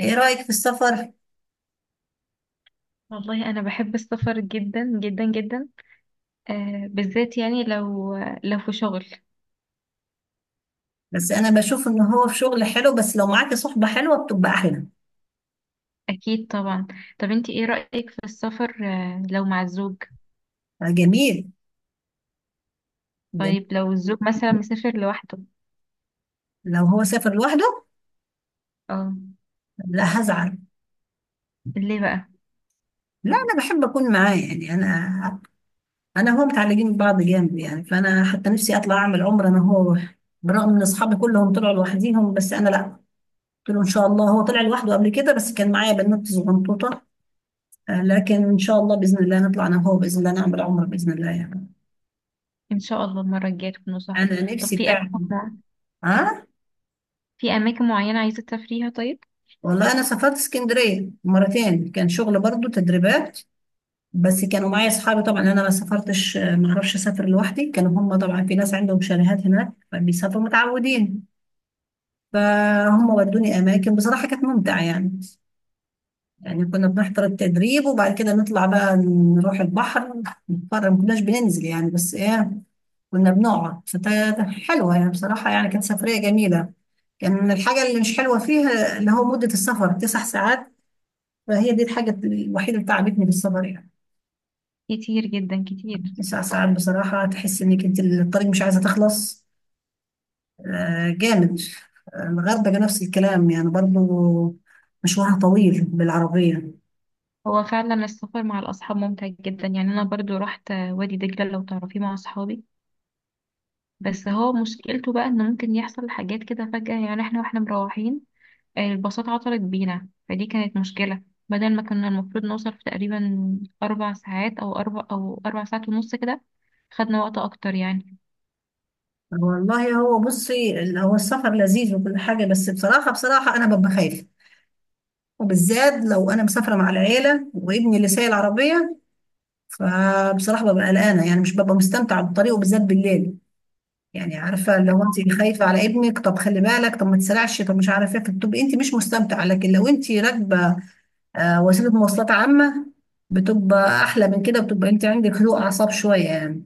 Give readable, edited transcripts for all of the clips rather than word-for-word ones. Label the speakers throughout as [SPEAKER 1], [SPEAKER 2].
[SPEAKER 1] ايه رأيك في السفر؟
[SPEAKER 2] والله انا بحب السفر جدا جدا جدا. آه، بالذات يعني لو في شغل.
[SPEAKER 1] بس انا بشوف ان هو في شغل حلو، بس لو معاكي صحبة حلوة بتبقى احلى.
[SPEAKER 2] اكيد طبعا. طب انت ايه رأيك في السفر؟ آه، لو مع الزوج.
[SPEAKER 1] آه، جميل. جميل.
[SPEAKER 2] طيب لو الزوج مثلا مسافر لوحده.
[SPEAKER 1] لو هو سافر لوحده،
[SPEAKER 2] اه.
[SPEAKER 1] لا هزعل.
[SPEAKER 2] ليه بقى؟
[SPEAKER 1] لا انا بحب اكون معاه، يعني انا هو متعلقين ببعض جامد يعني، فانا حتى نفسي اطلع اعمل عمرة انا هو. برغم ان اصحابي كلهم طلعوا لوحديهم بس انا لا. قلت له ان شاء الله، هو طلع لوحده قبل كده بس كان معايا بنات صغنطوطة. آه، لكن ان شاء الله باذن الله نطلع انا وهو باذن الله، نعمل عمرة باذن الله يعني.
[SPEAKER 2] ان شاء الله المرة الجاية تكونوا صاحبه.
[SPEAKER 1] انا
[SPEAKER 2] طب
[SPEAKER 1] نفسي
[SPEAKER 2] في اماكن،
[SPEAKER 1] فعلا.
[SPEAKER 2] مع-
[SPEAKER 1] ها.
[SPEAKER 2] في اماكن معينة عايزة تسافريها؟ طيب.
[SPEAKER 1] والله انا سافرت اسكندريه مرتين، كان شغل برضو تدريبات. بس كانوا معايا اصحابي طبعا، انا ما سافرتش، ما اعرفش اسافر لوحدي. كانوا هم طبعا في ناس عندهم شاليهات هناك فبيسافروا متعودين. فهم ودوني اماكن بصراحه، كانت ممتعه يعني. يعني كنا بنحضر التدريب وبعد كده نطلع بقى نروح البحر نتفرج، ما كناش بننزل يعني، بس ايه، كنا بنقعد، فكانت حلوه يعني بصراحه، يعني كانت سفريه جميله. كان الحاجه اللي مش حلوه فيها اللي هو مده السفر تسع ساعات. فهي دي الحاجة الوحيدة اللي تعبتني بالسفر يعني.
[SPEAKER 2] كتير جدا كتير.
[SPEAKER 1] تسع ساعات بصراحة تحس انك انت الطريق مش عايزة تخلص. آه جامد. آه، الغردقة نفس الكلام يعني برضو، مشوارها طويل بالعربية.
[SPEAKER 2] هو فعلا السفر مع الاصحاب ممتع جدا، يعني انا برضو رحت وادي دجلة لو تعرفيه مع اصحابي. بس هو مشكلته بقى انه ممكن يحصل حاجات كده فجأة، يعني احنا واحنا مروحين الباصات عطلت بينا، فدي كانت مشكلة. بدل ما كنا المفروض نوصل في تقريبا 4 ساعات أو 4 ساعات ونص كده، خدنا وقت أكتر يعني.
[SPEAKER 1] والله هو بصي، هو السفر لذيذ وكل حاجة، بس بصراحة بصراحة أنا ببقى خايفة، وبالذات لو أنا مسافرة مع العيلة وابني اللي سايق العربية. فبصراحة ببقى قلقانة، يعني مش ببقى مستمتعة بالطريق، وبالذات بالليل. يعني عارفه، لو انت خايفه على ابنك طب خلي بالك، طب ما تسرعش، طب مش عارفه ايه، بتبقي انت مش مستمتعه. لكن لو انت راكبه آه، وسيله مواصلات عامه بتبقى احلى من كده، بتبقى انت عندك هدوء اعصاب شويه يعني.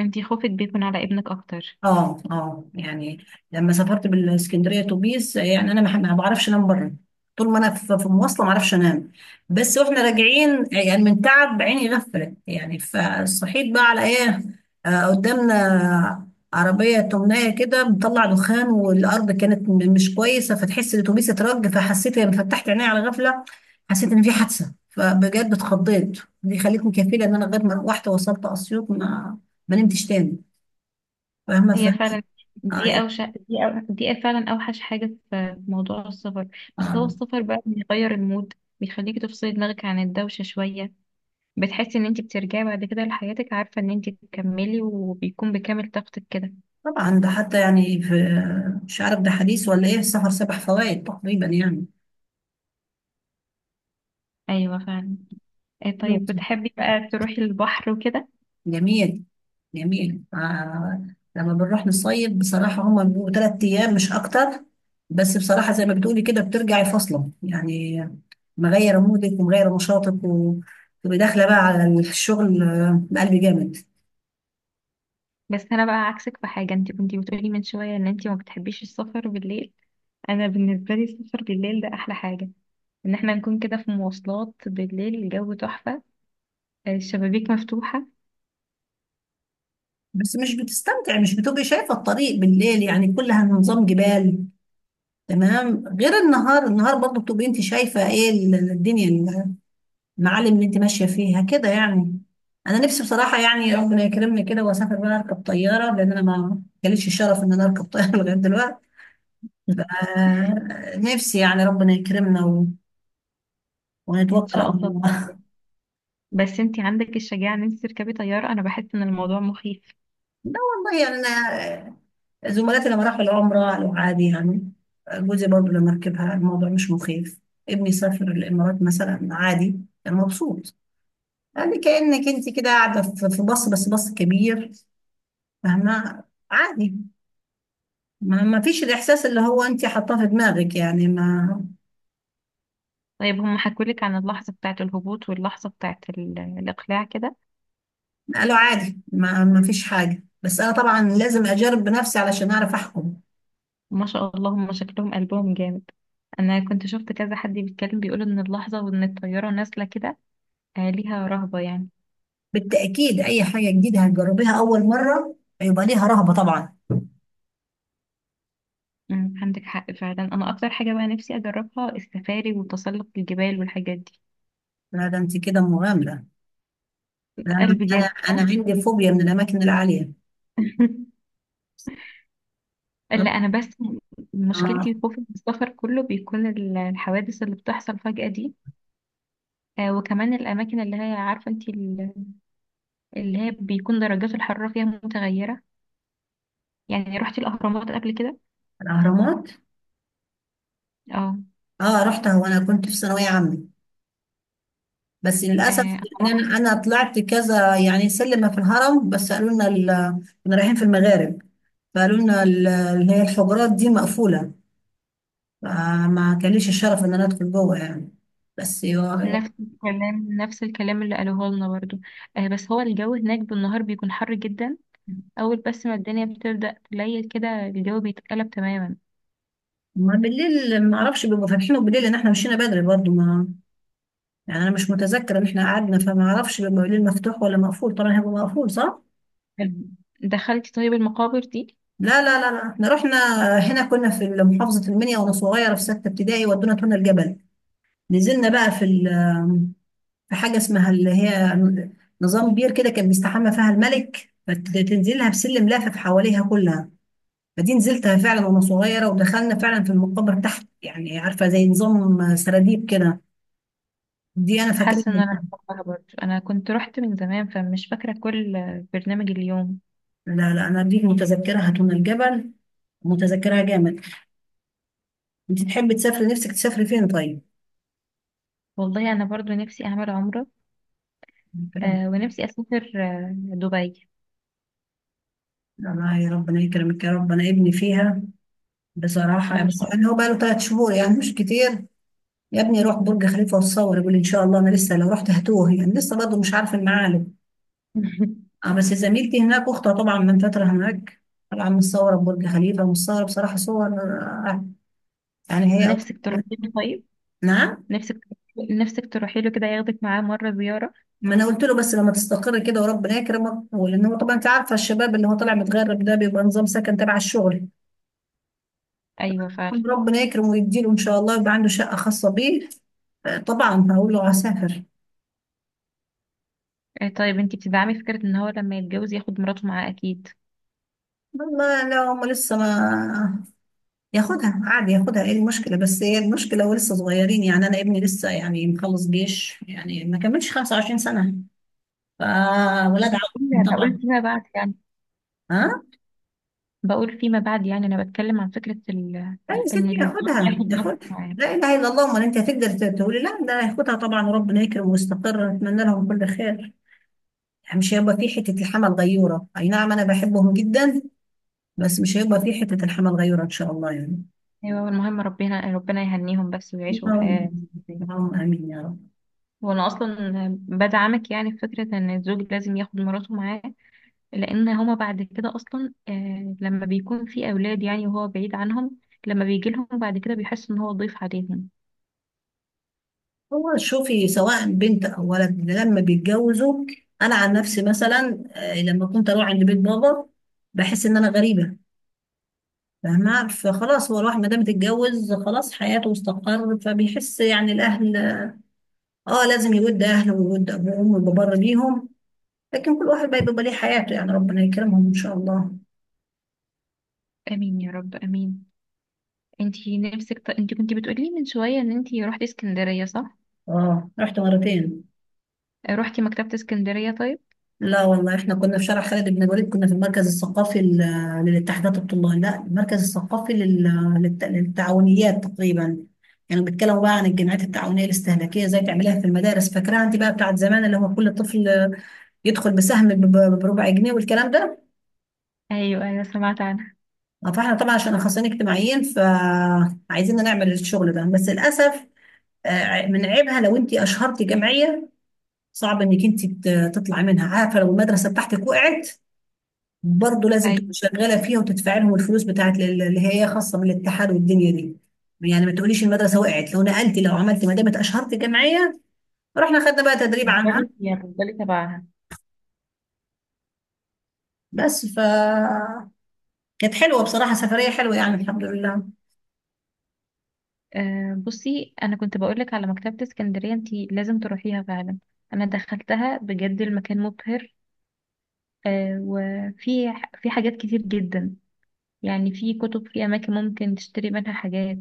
[SPEAKER 2] انتي خوفك بيكون على ابنك أكتر؟
[SPEAKER 1] اه اه يعني. لما سافرت بالاسكندريه اتوبيس يعني، انا ما بعرفش انام بره. طول ما انا في مواصله ما اعرفش انام. بس واحنا راجعين يعني من تعب عيني غفلت يعني، فصحيت بقى على ايه؟ آه قدامنا عربيه تمنايه كده بتطلع دخان، والارض كانت مش كويسه، فتحس الاتوبيس اترج، فحسيت لما فتحت عيني على غفله حسيت ان في حادثه، فبجد اتخضيت. دي خلتني كفيله ان انا لغايه ما روحت وصلت اسيوط ما نمتش تاني. فاهمه.
[SPEAKER 2] هي فعلا.
[SPEAKER 1] اه
[SPEAKER 2] دي
[SPEAKER 1] يعني.
[SPEAKER 2] أوشك دي, أو... دي فعلا أوحش حاجة في موضوع السفر. بس هو
[SPEAKER 1] آه.
[SPEAKER 2] السفر بقى بيغير المود، بيخليكي تفصلي دماغك عن الدوشة شوية. بتحسي ان انت بترجعي بعد كده لحياتك عارفة ان انت تكملي وبيكون بكامل طاقتك كده.
[SPEAKER 1] طبعا ده حتى يعني في، مش عارف ده حديث ولا ايه، السفر سبع فوائد تقريبا يعني.
[SPEAKER 2] ايوه فعلا. إيه،
[SPEAKER 1] حلو.
[SPEAKER 2] طيب بتحبي بقى تروحي البحر وكده؟
[SPEAKER 1] جميل. جميل آه. لما بنروح نصيف بصراحة هما بيبقوا تلات أيام مش أكتر. بس بصراحة زي ما بتقولي كده، بترجعي فاصلة يعني، مغيرة مودك ومغيرة نشاطك، وتبقي داخلة بقى على الشغل آه، بقلب جامد.
[SPEAKER 2] بس انا بقى عكسك في حاجة. انت كنتي بتقولي من شوية ان انت ما بتحبيش السفر بالليل. انا بالنسبة لي السفر بالليل ده احلى حاجة. ان احنا نكون كده في مواصلات بالليل، الجو تحفة، آه الشبابيك مفتوحة.
[SPEAKER 1] بس مش بتستمتعي، مش بتبقي شايفة الطريق بالليل، يعني كلها نظام جبال. تمام، غير النهار. النهار برضو بتبقي انت شايفه ايه الدنيا، المعالم اللي انت ماشيه فيها كده يعني. انا نفسي بصراحه يعني ربنا يكرمني كده واسافر بقى اركب طياره، لان انا ما جاليش الشرف ان انا اركب طياره لغايه دلوقتي. آه نفسي يعني ربنا يكرمنا
[SPEAKER 2] ان
[SPEAKER 1] ونتوكل
[SPEAKER 2] شاء
[SPEAKER 1] على
[SPEAKER 2] الله.
[SPEAKER 1] الله
[SPEAKER 2] بس انت عندك الشجاعة ان انت تركبي طيارة. انا بحس ان الموضوع مخيف.
[SPEAKER 1] لا والله يعني انا، زملاتي لما راحوا العمره قالوا عادي يعني. جوزي برضو لما ركبها الموضوع مش مخيف. ابني سافر الامارات مثلا عادي، كان مبسوط. يعني كأنك انت كده قاعدة في في باص بس باص كبير. فاهمة. عادي. ما فيش الإحساس اللي هو انت حاطاه في دماغك يعني ما.
[SPEAKER 2] طيب هم حكولك عن اللحظة بتاعة الهبوط واللحظة بتاعة الإقلاع كده؟
[SPEAKER 1] قالوا عادي، ما فيش حاجة، بس أنا طبعا لازم أجرب بنفسي علشان أعرف أحكم.
[SPEAKER 2] ما شاء الله هم شكلهم قلبهم جامد. أنا كنت شفت كذا حد بيتكلم بيقول إن اللحظة وإن الطيارة نازلة كده، ليها رهبة يعني.
[SPEAKER 1] بالتأكيد أي حاجة جديدة هتجربيها أول مرة هيبقى ليها رهبة طبعا.
[SPEAKER 2] عندك حق فعلا. أنا أكتر حاجة بقى نفسي أجربها السفاري وتسلق الجبال والحاجات دي.
[SPEAKER 1] لا ده انت كده مغامرة. أنا.
[SPEAKER 2] قلبي
[SPEAKER 1] أنا
[SPEAKER 2] جامد.
[SPEAKER 1] أنا عندي فوبيا من الأماكن العالية.
[SPEAKER 2] لا أنا بس
[SPEAKER 1] آه.
[SPEAKER 2] مشكلتي خوفي من السفر كله بيكون الحوادث اللي بتحصل فجأة دي. وكمان الأماكن اللي هي عارفة أنت، اللي هي بيكون درجات الحرارة فيها متغيرة. يعني رحتي الأهرامات قبل كده؟
[SPEAKER 1] الأهرامات.
[SPEAKER 2] اه.
[SPEAKER 1] اه رحتها وأنا كنت في ثانوية عامة، بس
[SPEAKER 2] آه،
[SPEAKER 1] للاسف
[SPEAKER 2] أنا
[SPEAKER 1] يعني انا،
[SPEAKER 2] رحت.
[SPEAKER 1] أنا طلعت كذا يعني سلمه في الهرم، بس قالوا لنا كنا رايحين في المغارب، فقالوا لنا اللي هي الحجرات دي مقفوله، فما كان ليش الشرف ان انا ادخل جوه يعني. بس
[SPEAKER 2] نفس الكلام نفس الكلام اللي قالوه لنا برضو. آه بس هو الجو هناك بالنهار بيكون حر جدا. أول بس ما الدنيا بتبدأ تليل كده الجو بيتقلب تماما.
[SPEAKER 1] ما بالليل ما اعرفش بيبقوا فاتحين، وبالليل ان احنا مشينا بدري برضو ما، يعني انا مش متذكره ان احنا قعدنا، فما اعرفش بيبقى بالليل مفتوح ولا مقفول. طبعا هيبقى مقفول صح؟
[SPEAKER 2] دخلتي طيب المقابر دي؟
[SPEAKER 1] لا لا لا لا، احنا رحنا. هنا كنا في محافظه المنيا وانا صغيره في سته ابتدائي، ودونا تونا الجبل، نزلنا بقى في، في حاجة اسمها اللي هي، نظام بير كده كان بيستحمى فيها الملك، فتنزلها بسلم لافف حواليها كلها. فدي نزلتها فعلا وانا صغيرة، ودخلنا فعلا في المقبرة تحت يعني، عارفة زي نظام سراديب كده. دي انا فاكراها.
[SPEAKER 2] حاسة إن أنا بحبها برضو، أنا كنت رحت من زمان فمش فاكرة كل برنامج اليوم.
[SPEAKER 1] لا انا دي متذكرها دون الجبل. متذكرها جامد. انت تحبي تسافري، نفسك تسافري فين طيب؟
[SPEAKER 2] والله أنا برضو نفسي أعمل عمرة.
[SPEAKER 1] الكلام.
[SPEAKER 2] آه، ونفسي أسافر دبي.
[SPEAKER 1] الله، يا ربنا يكرمك يا رب. انا ابني فيها بصراحة،
[SPEAKER 2] ما
[SPEAKER 1] بس
[SPEAKER 2] شاء
[SPEAKER 1] يعني هو بقاله ثلاث شهور يعني مش كتير. يا ابني روح برج خليفة وتصور، يقول إن شاء الله، أنا لسه لو رحت هتوه يعني، لسه برضه مش عارف المعالم.
[SPEAKER 2] الله.
[SPEAKER 1] آه بس زميلتي هناك أختها طبعا من فترة هناك، طالعة متصورة ببرج خليفة ومتصورة بصراحة صور آه، يعني هي
[SPEAKER 2] نفسك تروحي طيب؟
[SPEAKER 1] نعم.
[SPEAKER 2] نفسك نفسك تروحي له كده ياخدك معاه مرة زيارة.
[SPEAKER 1] ما أنا قلت له بس لما تستقر كده وربنا يكرمك، ولأن هو طبعا أنت عارفة الشباب اللي هو طالع متغرب ده بيبقى نظام سكن تبع الشغل.
[SPEAKER 2] ايوه فعلا.
[SPEAKER 1] ربنا يكرمه ويديله إن شاء الله يبقى عنده شقة خاصة بيه. آه، طبعا هقول له هسافر.
[SPEAKER 2] آه، طيب انتي بتدعمي فكرة ان هو لما يتجوز ياخد مراته معاه؟ اكيد.
[SPEAKER 1] والله لا هم لسه ما، ياخدها عادي، ياخدها ايه المشكلة، بس هي المشكلة ولسه صغيرين يعني. انا ابني لسه يعني مخلص جيش، يعني ما كملش 25 سنة،
[SPEAKER 2] انا
[SPEAKER 1] فولاد
[SPEAKER 2] بقول
[SPEAKER 1] عم
[SPEAKER 2] يعني، بقول
[SPEAKER 1] طبعا.
[SPEAKER 2] فيما بعد يعني.
[SPEAKER 1] ها.
[SPEAKER 2] بقول فيما بعد يعني انا بتكلم عن فكرة
[SPEAKER 1] لا يا ستي
[SPEAKER 2] ان الزوج
[SPEAKER 1] ياخدها
[SPEAKER 2] ياخد زوجته
[SPEAKER 1] ياخدها.
[SPEAKER 2] معاه.
[SPEAKER 1] لا اله الا الله، امال انت هتقدر تقولي لا؟ ده هياخدها طبعا، وربنا يكرم ويستقر، نتمنى لهم كل خير. يعني مش هيبقى في حتة الحمل غيورة، اي نعم انا بحبهم جدا، بس مش هيبقى في حتة الحمل غيورة ان شاء الله يعني.
[SPEAKER 2] ايوه المهم ربنا، ربنا يهنيهم بس ويعيشوا حياة
[SPEAKER 1] اللهم
[SPEAKER 2] زي-
[SPEAKER 1] آمين يا رب.
[SPEAKER 2] وانا اصلا بدعمك يعني في فكرة ان الزوج لازم ياخد مراته معاه. لان هما بعد كده اصلا لما بيكون في اولاد يعني وهو بعيد عنهم، لما بيجي لهم بعد كده بيحس ان هو ضيف عليهم.
[SPEAKER 1] هو شوفي سواء بنت او ولد لما بيتجوزوا، انا عن نفسي مثلا آه، لما كنت اروح عند بيت بابا بحس ان انا غريبه. فاهمه. فخلاص هو الواحد ما دام اتجوز خلاص حياته استقر، فبيحس يعني الاهل، اه لازم يود اهله ويود ابوه وامه ويبقى بر بيهم، لكن كل واحد بقى بيبقى ليه حياته. يعني ربنا يكرمهم ان شاء الله.
[SPEAKER 2] امين يا رب امين. انتي نفسك. انتي كنتي بتقولي لي من شويه ان انتي رحتي اسكندريه صح؟
[SPEAKER 1] اه رحت مرتين.
[SPEAKER 2] روحتي مكتبه اسكندريه طيب؟
[SPEAKER 1] لا والله احنا كنا في شارع خالد بن الوليد، كنا في المركز الثقافي للاتحادات الطلاب، لا المركز الثقافي للتعاونيات تقريبا. يعني بيتكلموا بقى عن الجمعيات التعاونية الاستهلاكية زي تعمليها في المدارس، فاكراها انت بقى بتاعت زمان اللي هو كل طفل يدخل بسهم بربع جنيه والكلام ده.
[SPEAKER 2] ايوه ايوه سمعت عنها.
[SPEAKER 1] اه، فاحنا طبعا عشان اخصائيين اجتماعيين فعايزين نعمل الشغل ده، بس للاسف. اه، من عيبها لو انت اشهرتي جمعية، صعب انك انت تطلعي منها. عارفة لو المدرسة بتاعتك وقعت، برضه لازم تكون
[SPEAKER 2] ايوه
[SPEAKER 1] شغاله فيها وتدفع لهم الفلوس بتاعت اللي هي خاصه من الاتحاد والدنيا دي. يعني ما تقوليش المدرسه وقعت لو نقلتي لو عملتي، ما دام اشهرتي جمعيه. رحنا خدنا بقى تدريب عنها.
[SPEAKER 2] هتفضلي فيها هتفضلي تبعها.
[SPEAKER 1] بس ف كانت حلوه بصراحه، سفريه حلوه يعني الحمد لله.
[SPEAKER 2] أه بصي، انا كنت بقولك على مكتبه اسكندريه انتي لازم تروحيها فعلا. انا دخلتها بجد المكان مبهر. أه في حاجات كتير جدا. يعني في كتب في اماكن ممكن تشتري منها حاجات.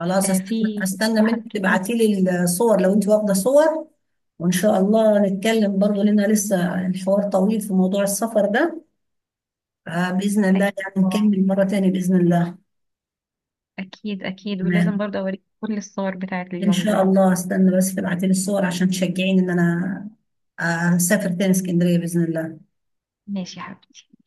[SPEAKER 1] خلاص
[SPEAKER 2] أه
[SPEAKER 1] استنى،
[SPEAKER 2] في
[SPEAKER 1] استنى
[SPEAKER 2] تحف
[SPEAKER 1] منك تبعتي
[SPEAKER 2] كتير.
[SPEAKER 1] لي الصور لو انت واخده صور، وان شاء الله نتكلم برضه، لان لسه الحوار طويل في موضوع السفر ده، فباذن الله
[SPEAKER 2] اكيد.
[SPEAKER 1] يعني نكمل مره تاني باذن الله.
[SPEAKER 2] أكيد أكيد ولازم
[SPEAKER 1] تمام.
[SPEAKER 2] برضه أوريك كل الصور بتاعت
[SPEAKER 1] ان
[SPEAKER 2] اليوم
[SPEAKER 1] شاء
[SPEAKER 2] ده.
[SPEAKER 1] الله. استنى بس تبعتي لي الصور عشان تشجعيني ان انا اسافر تاني اسكندريه باذن الله.
[SPEAKER 2] ماشي يا حبيبي.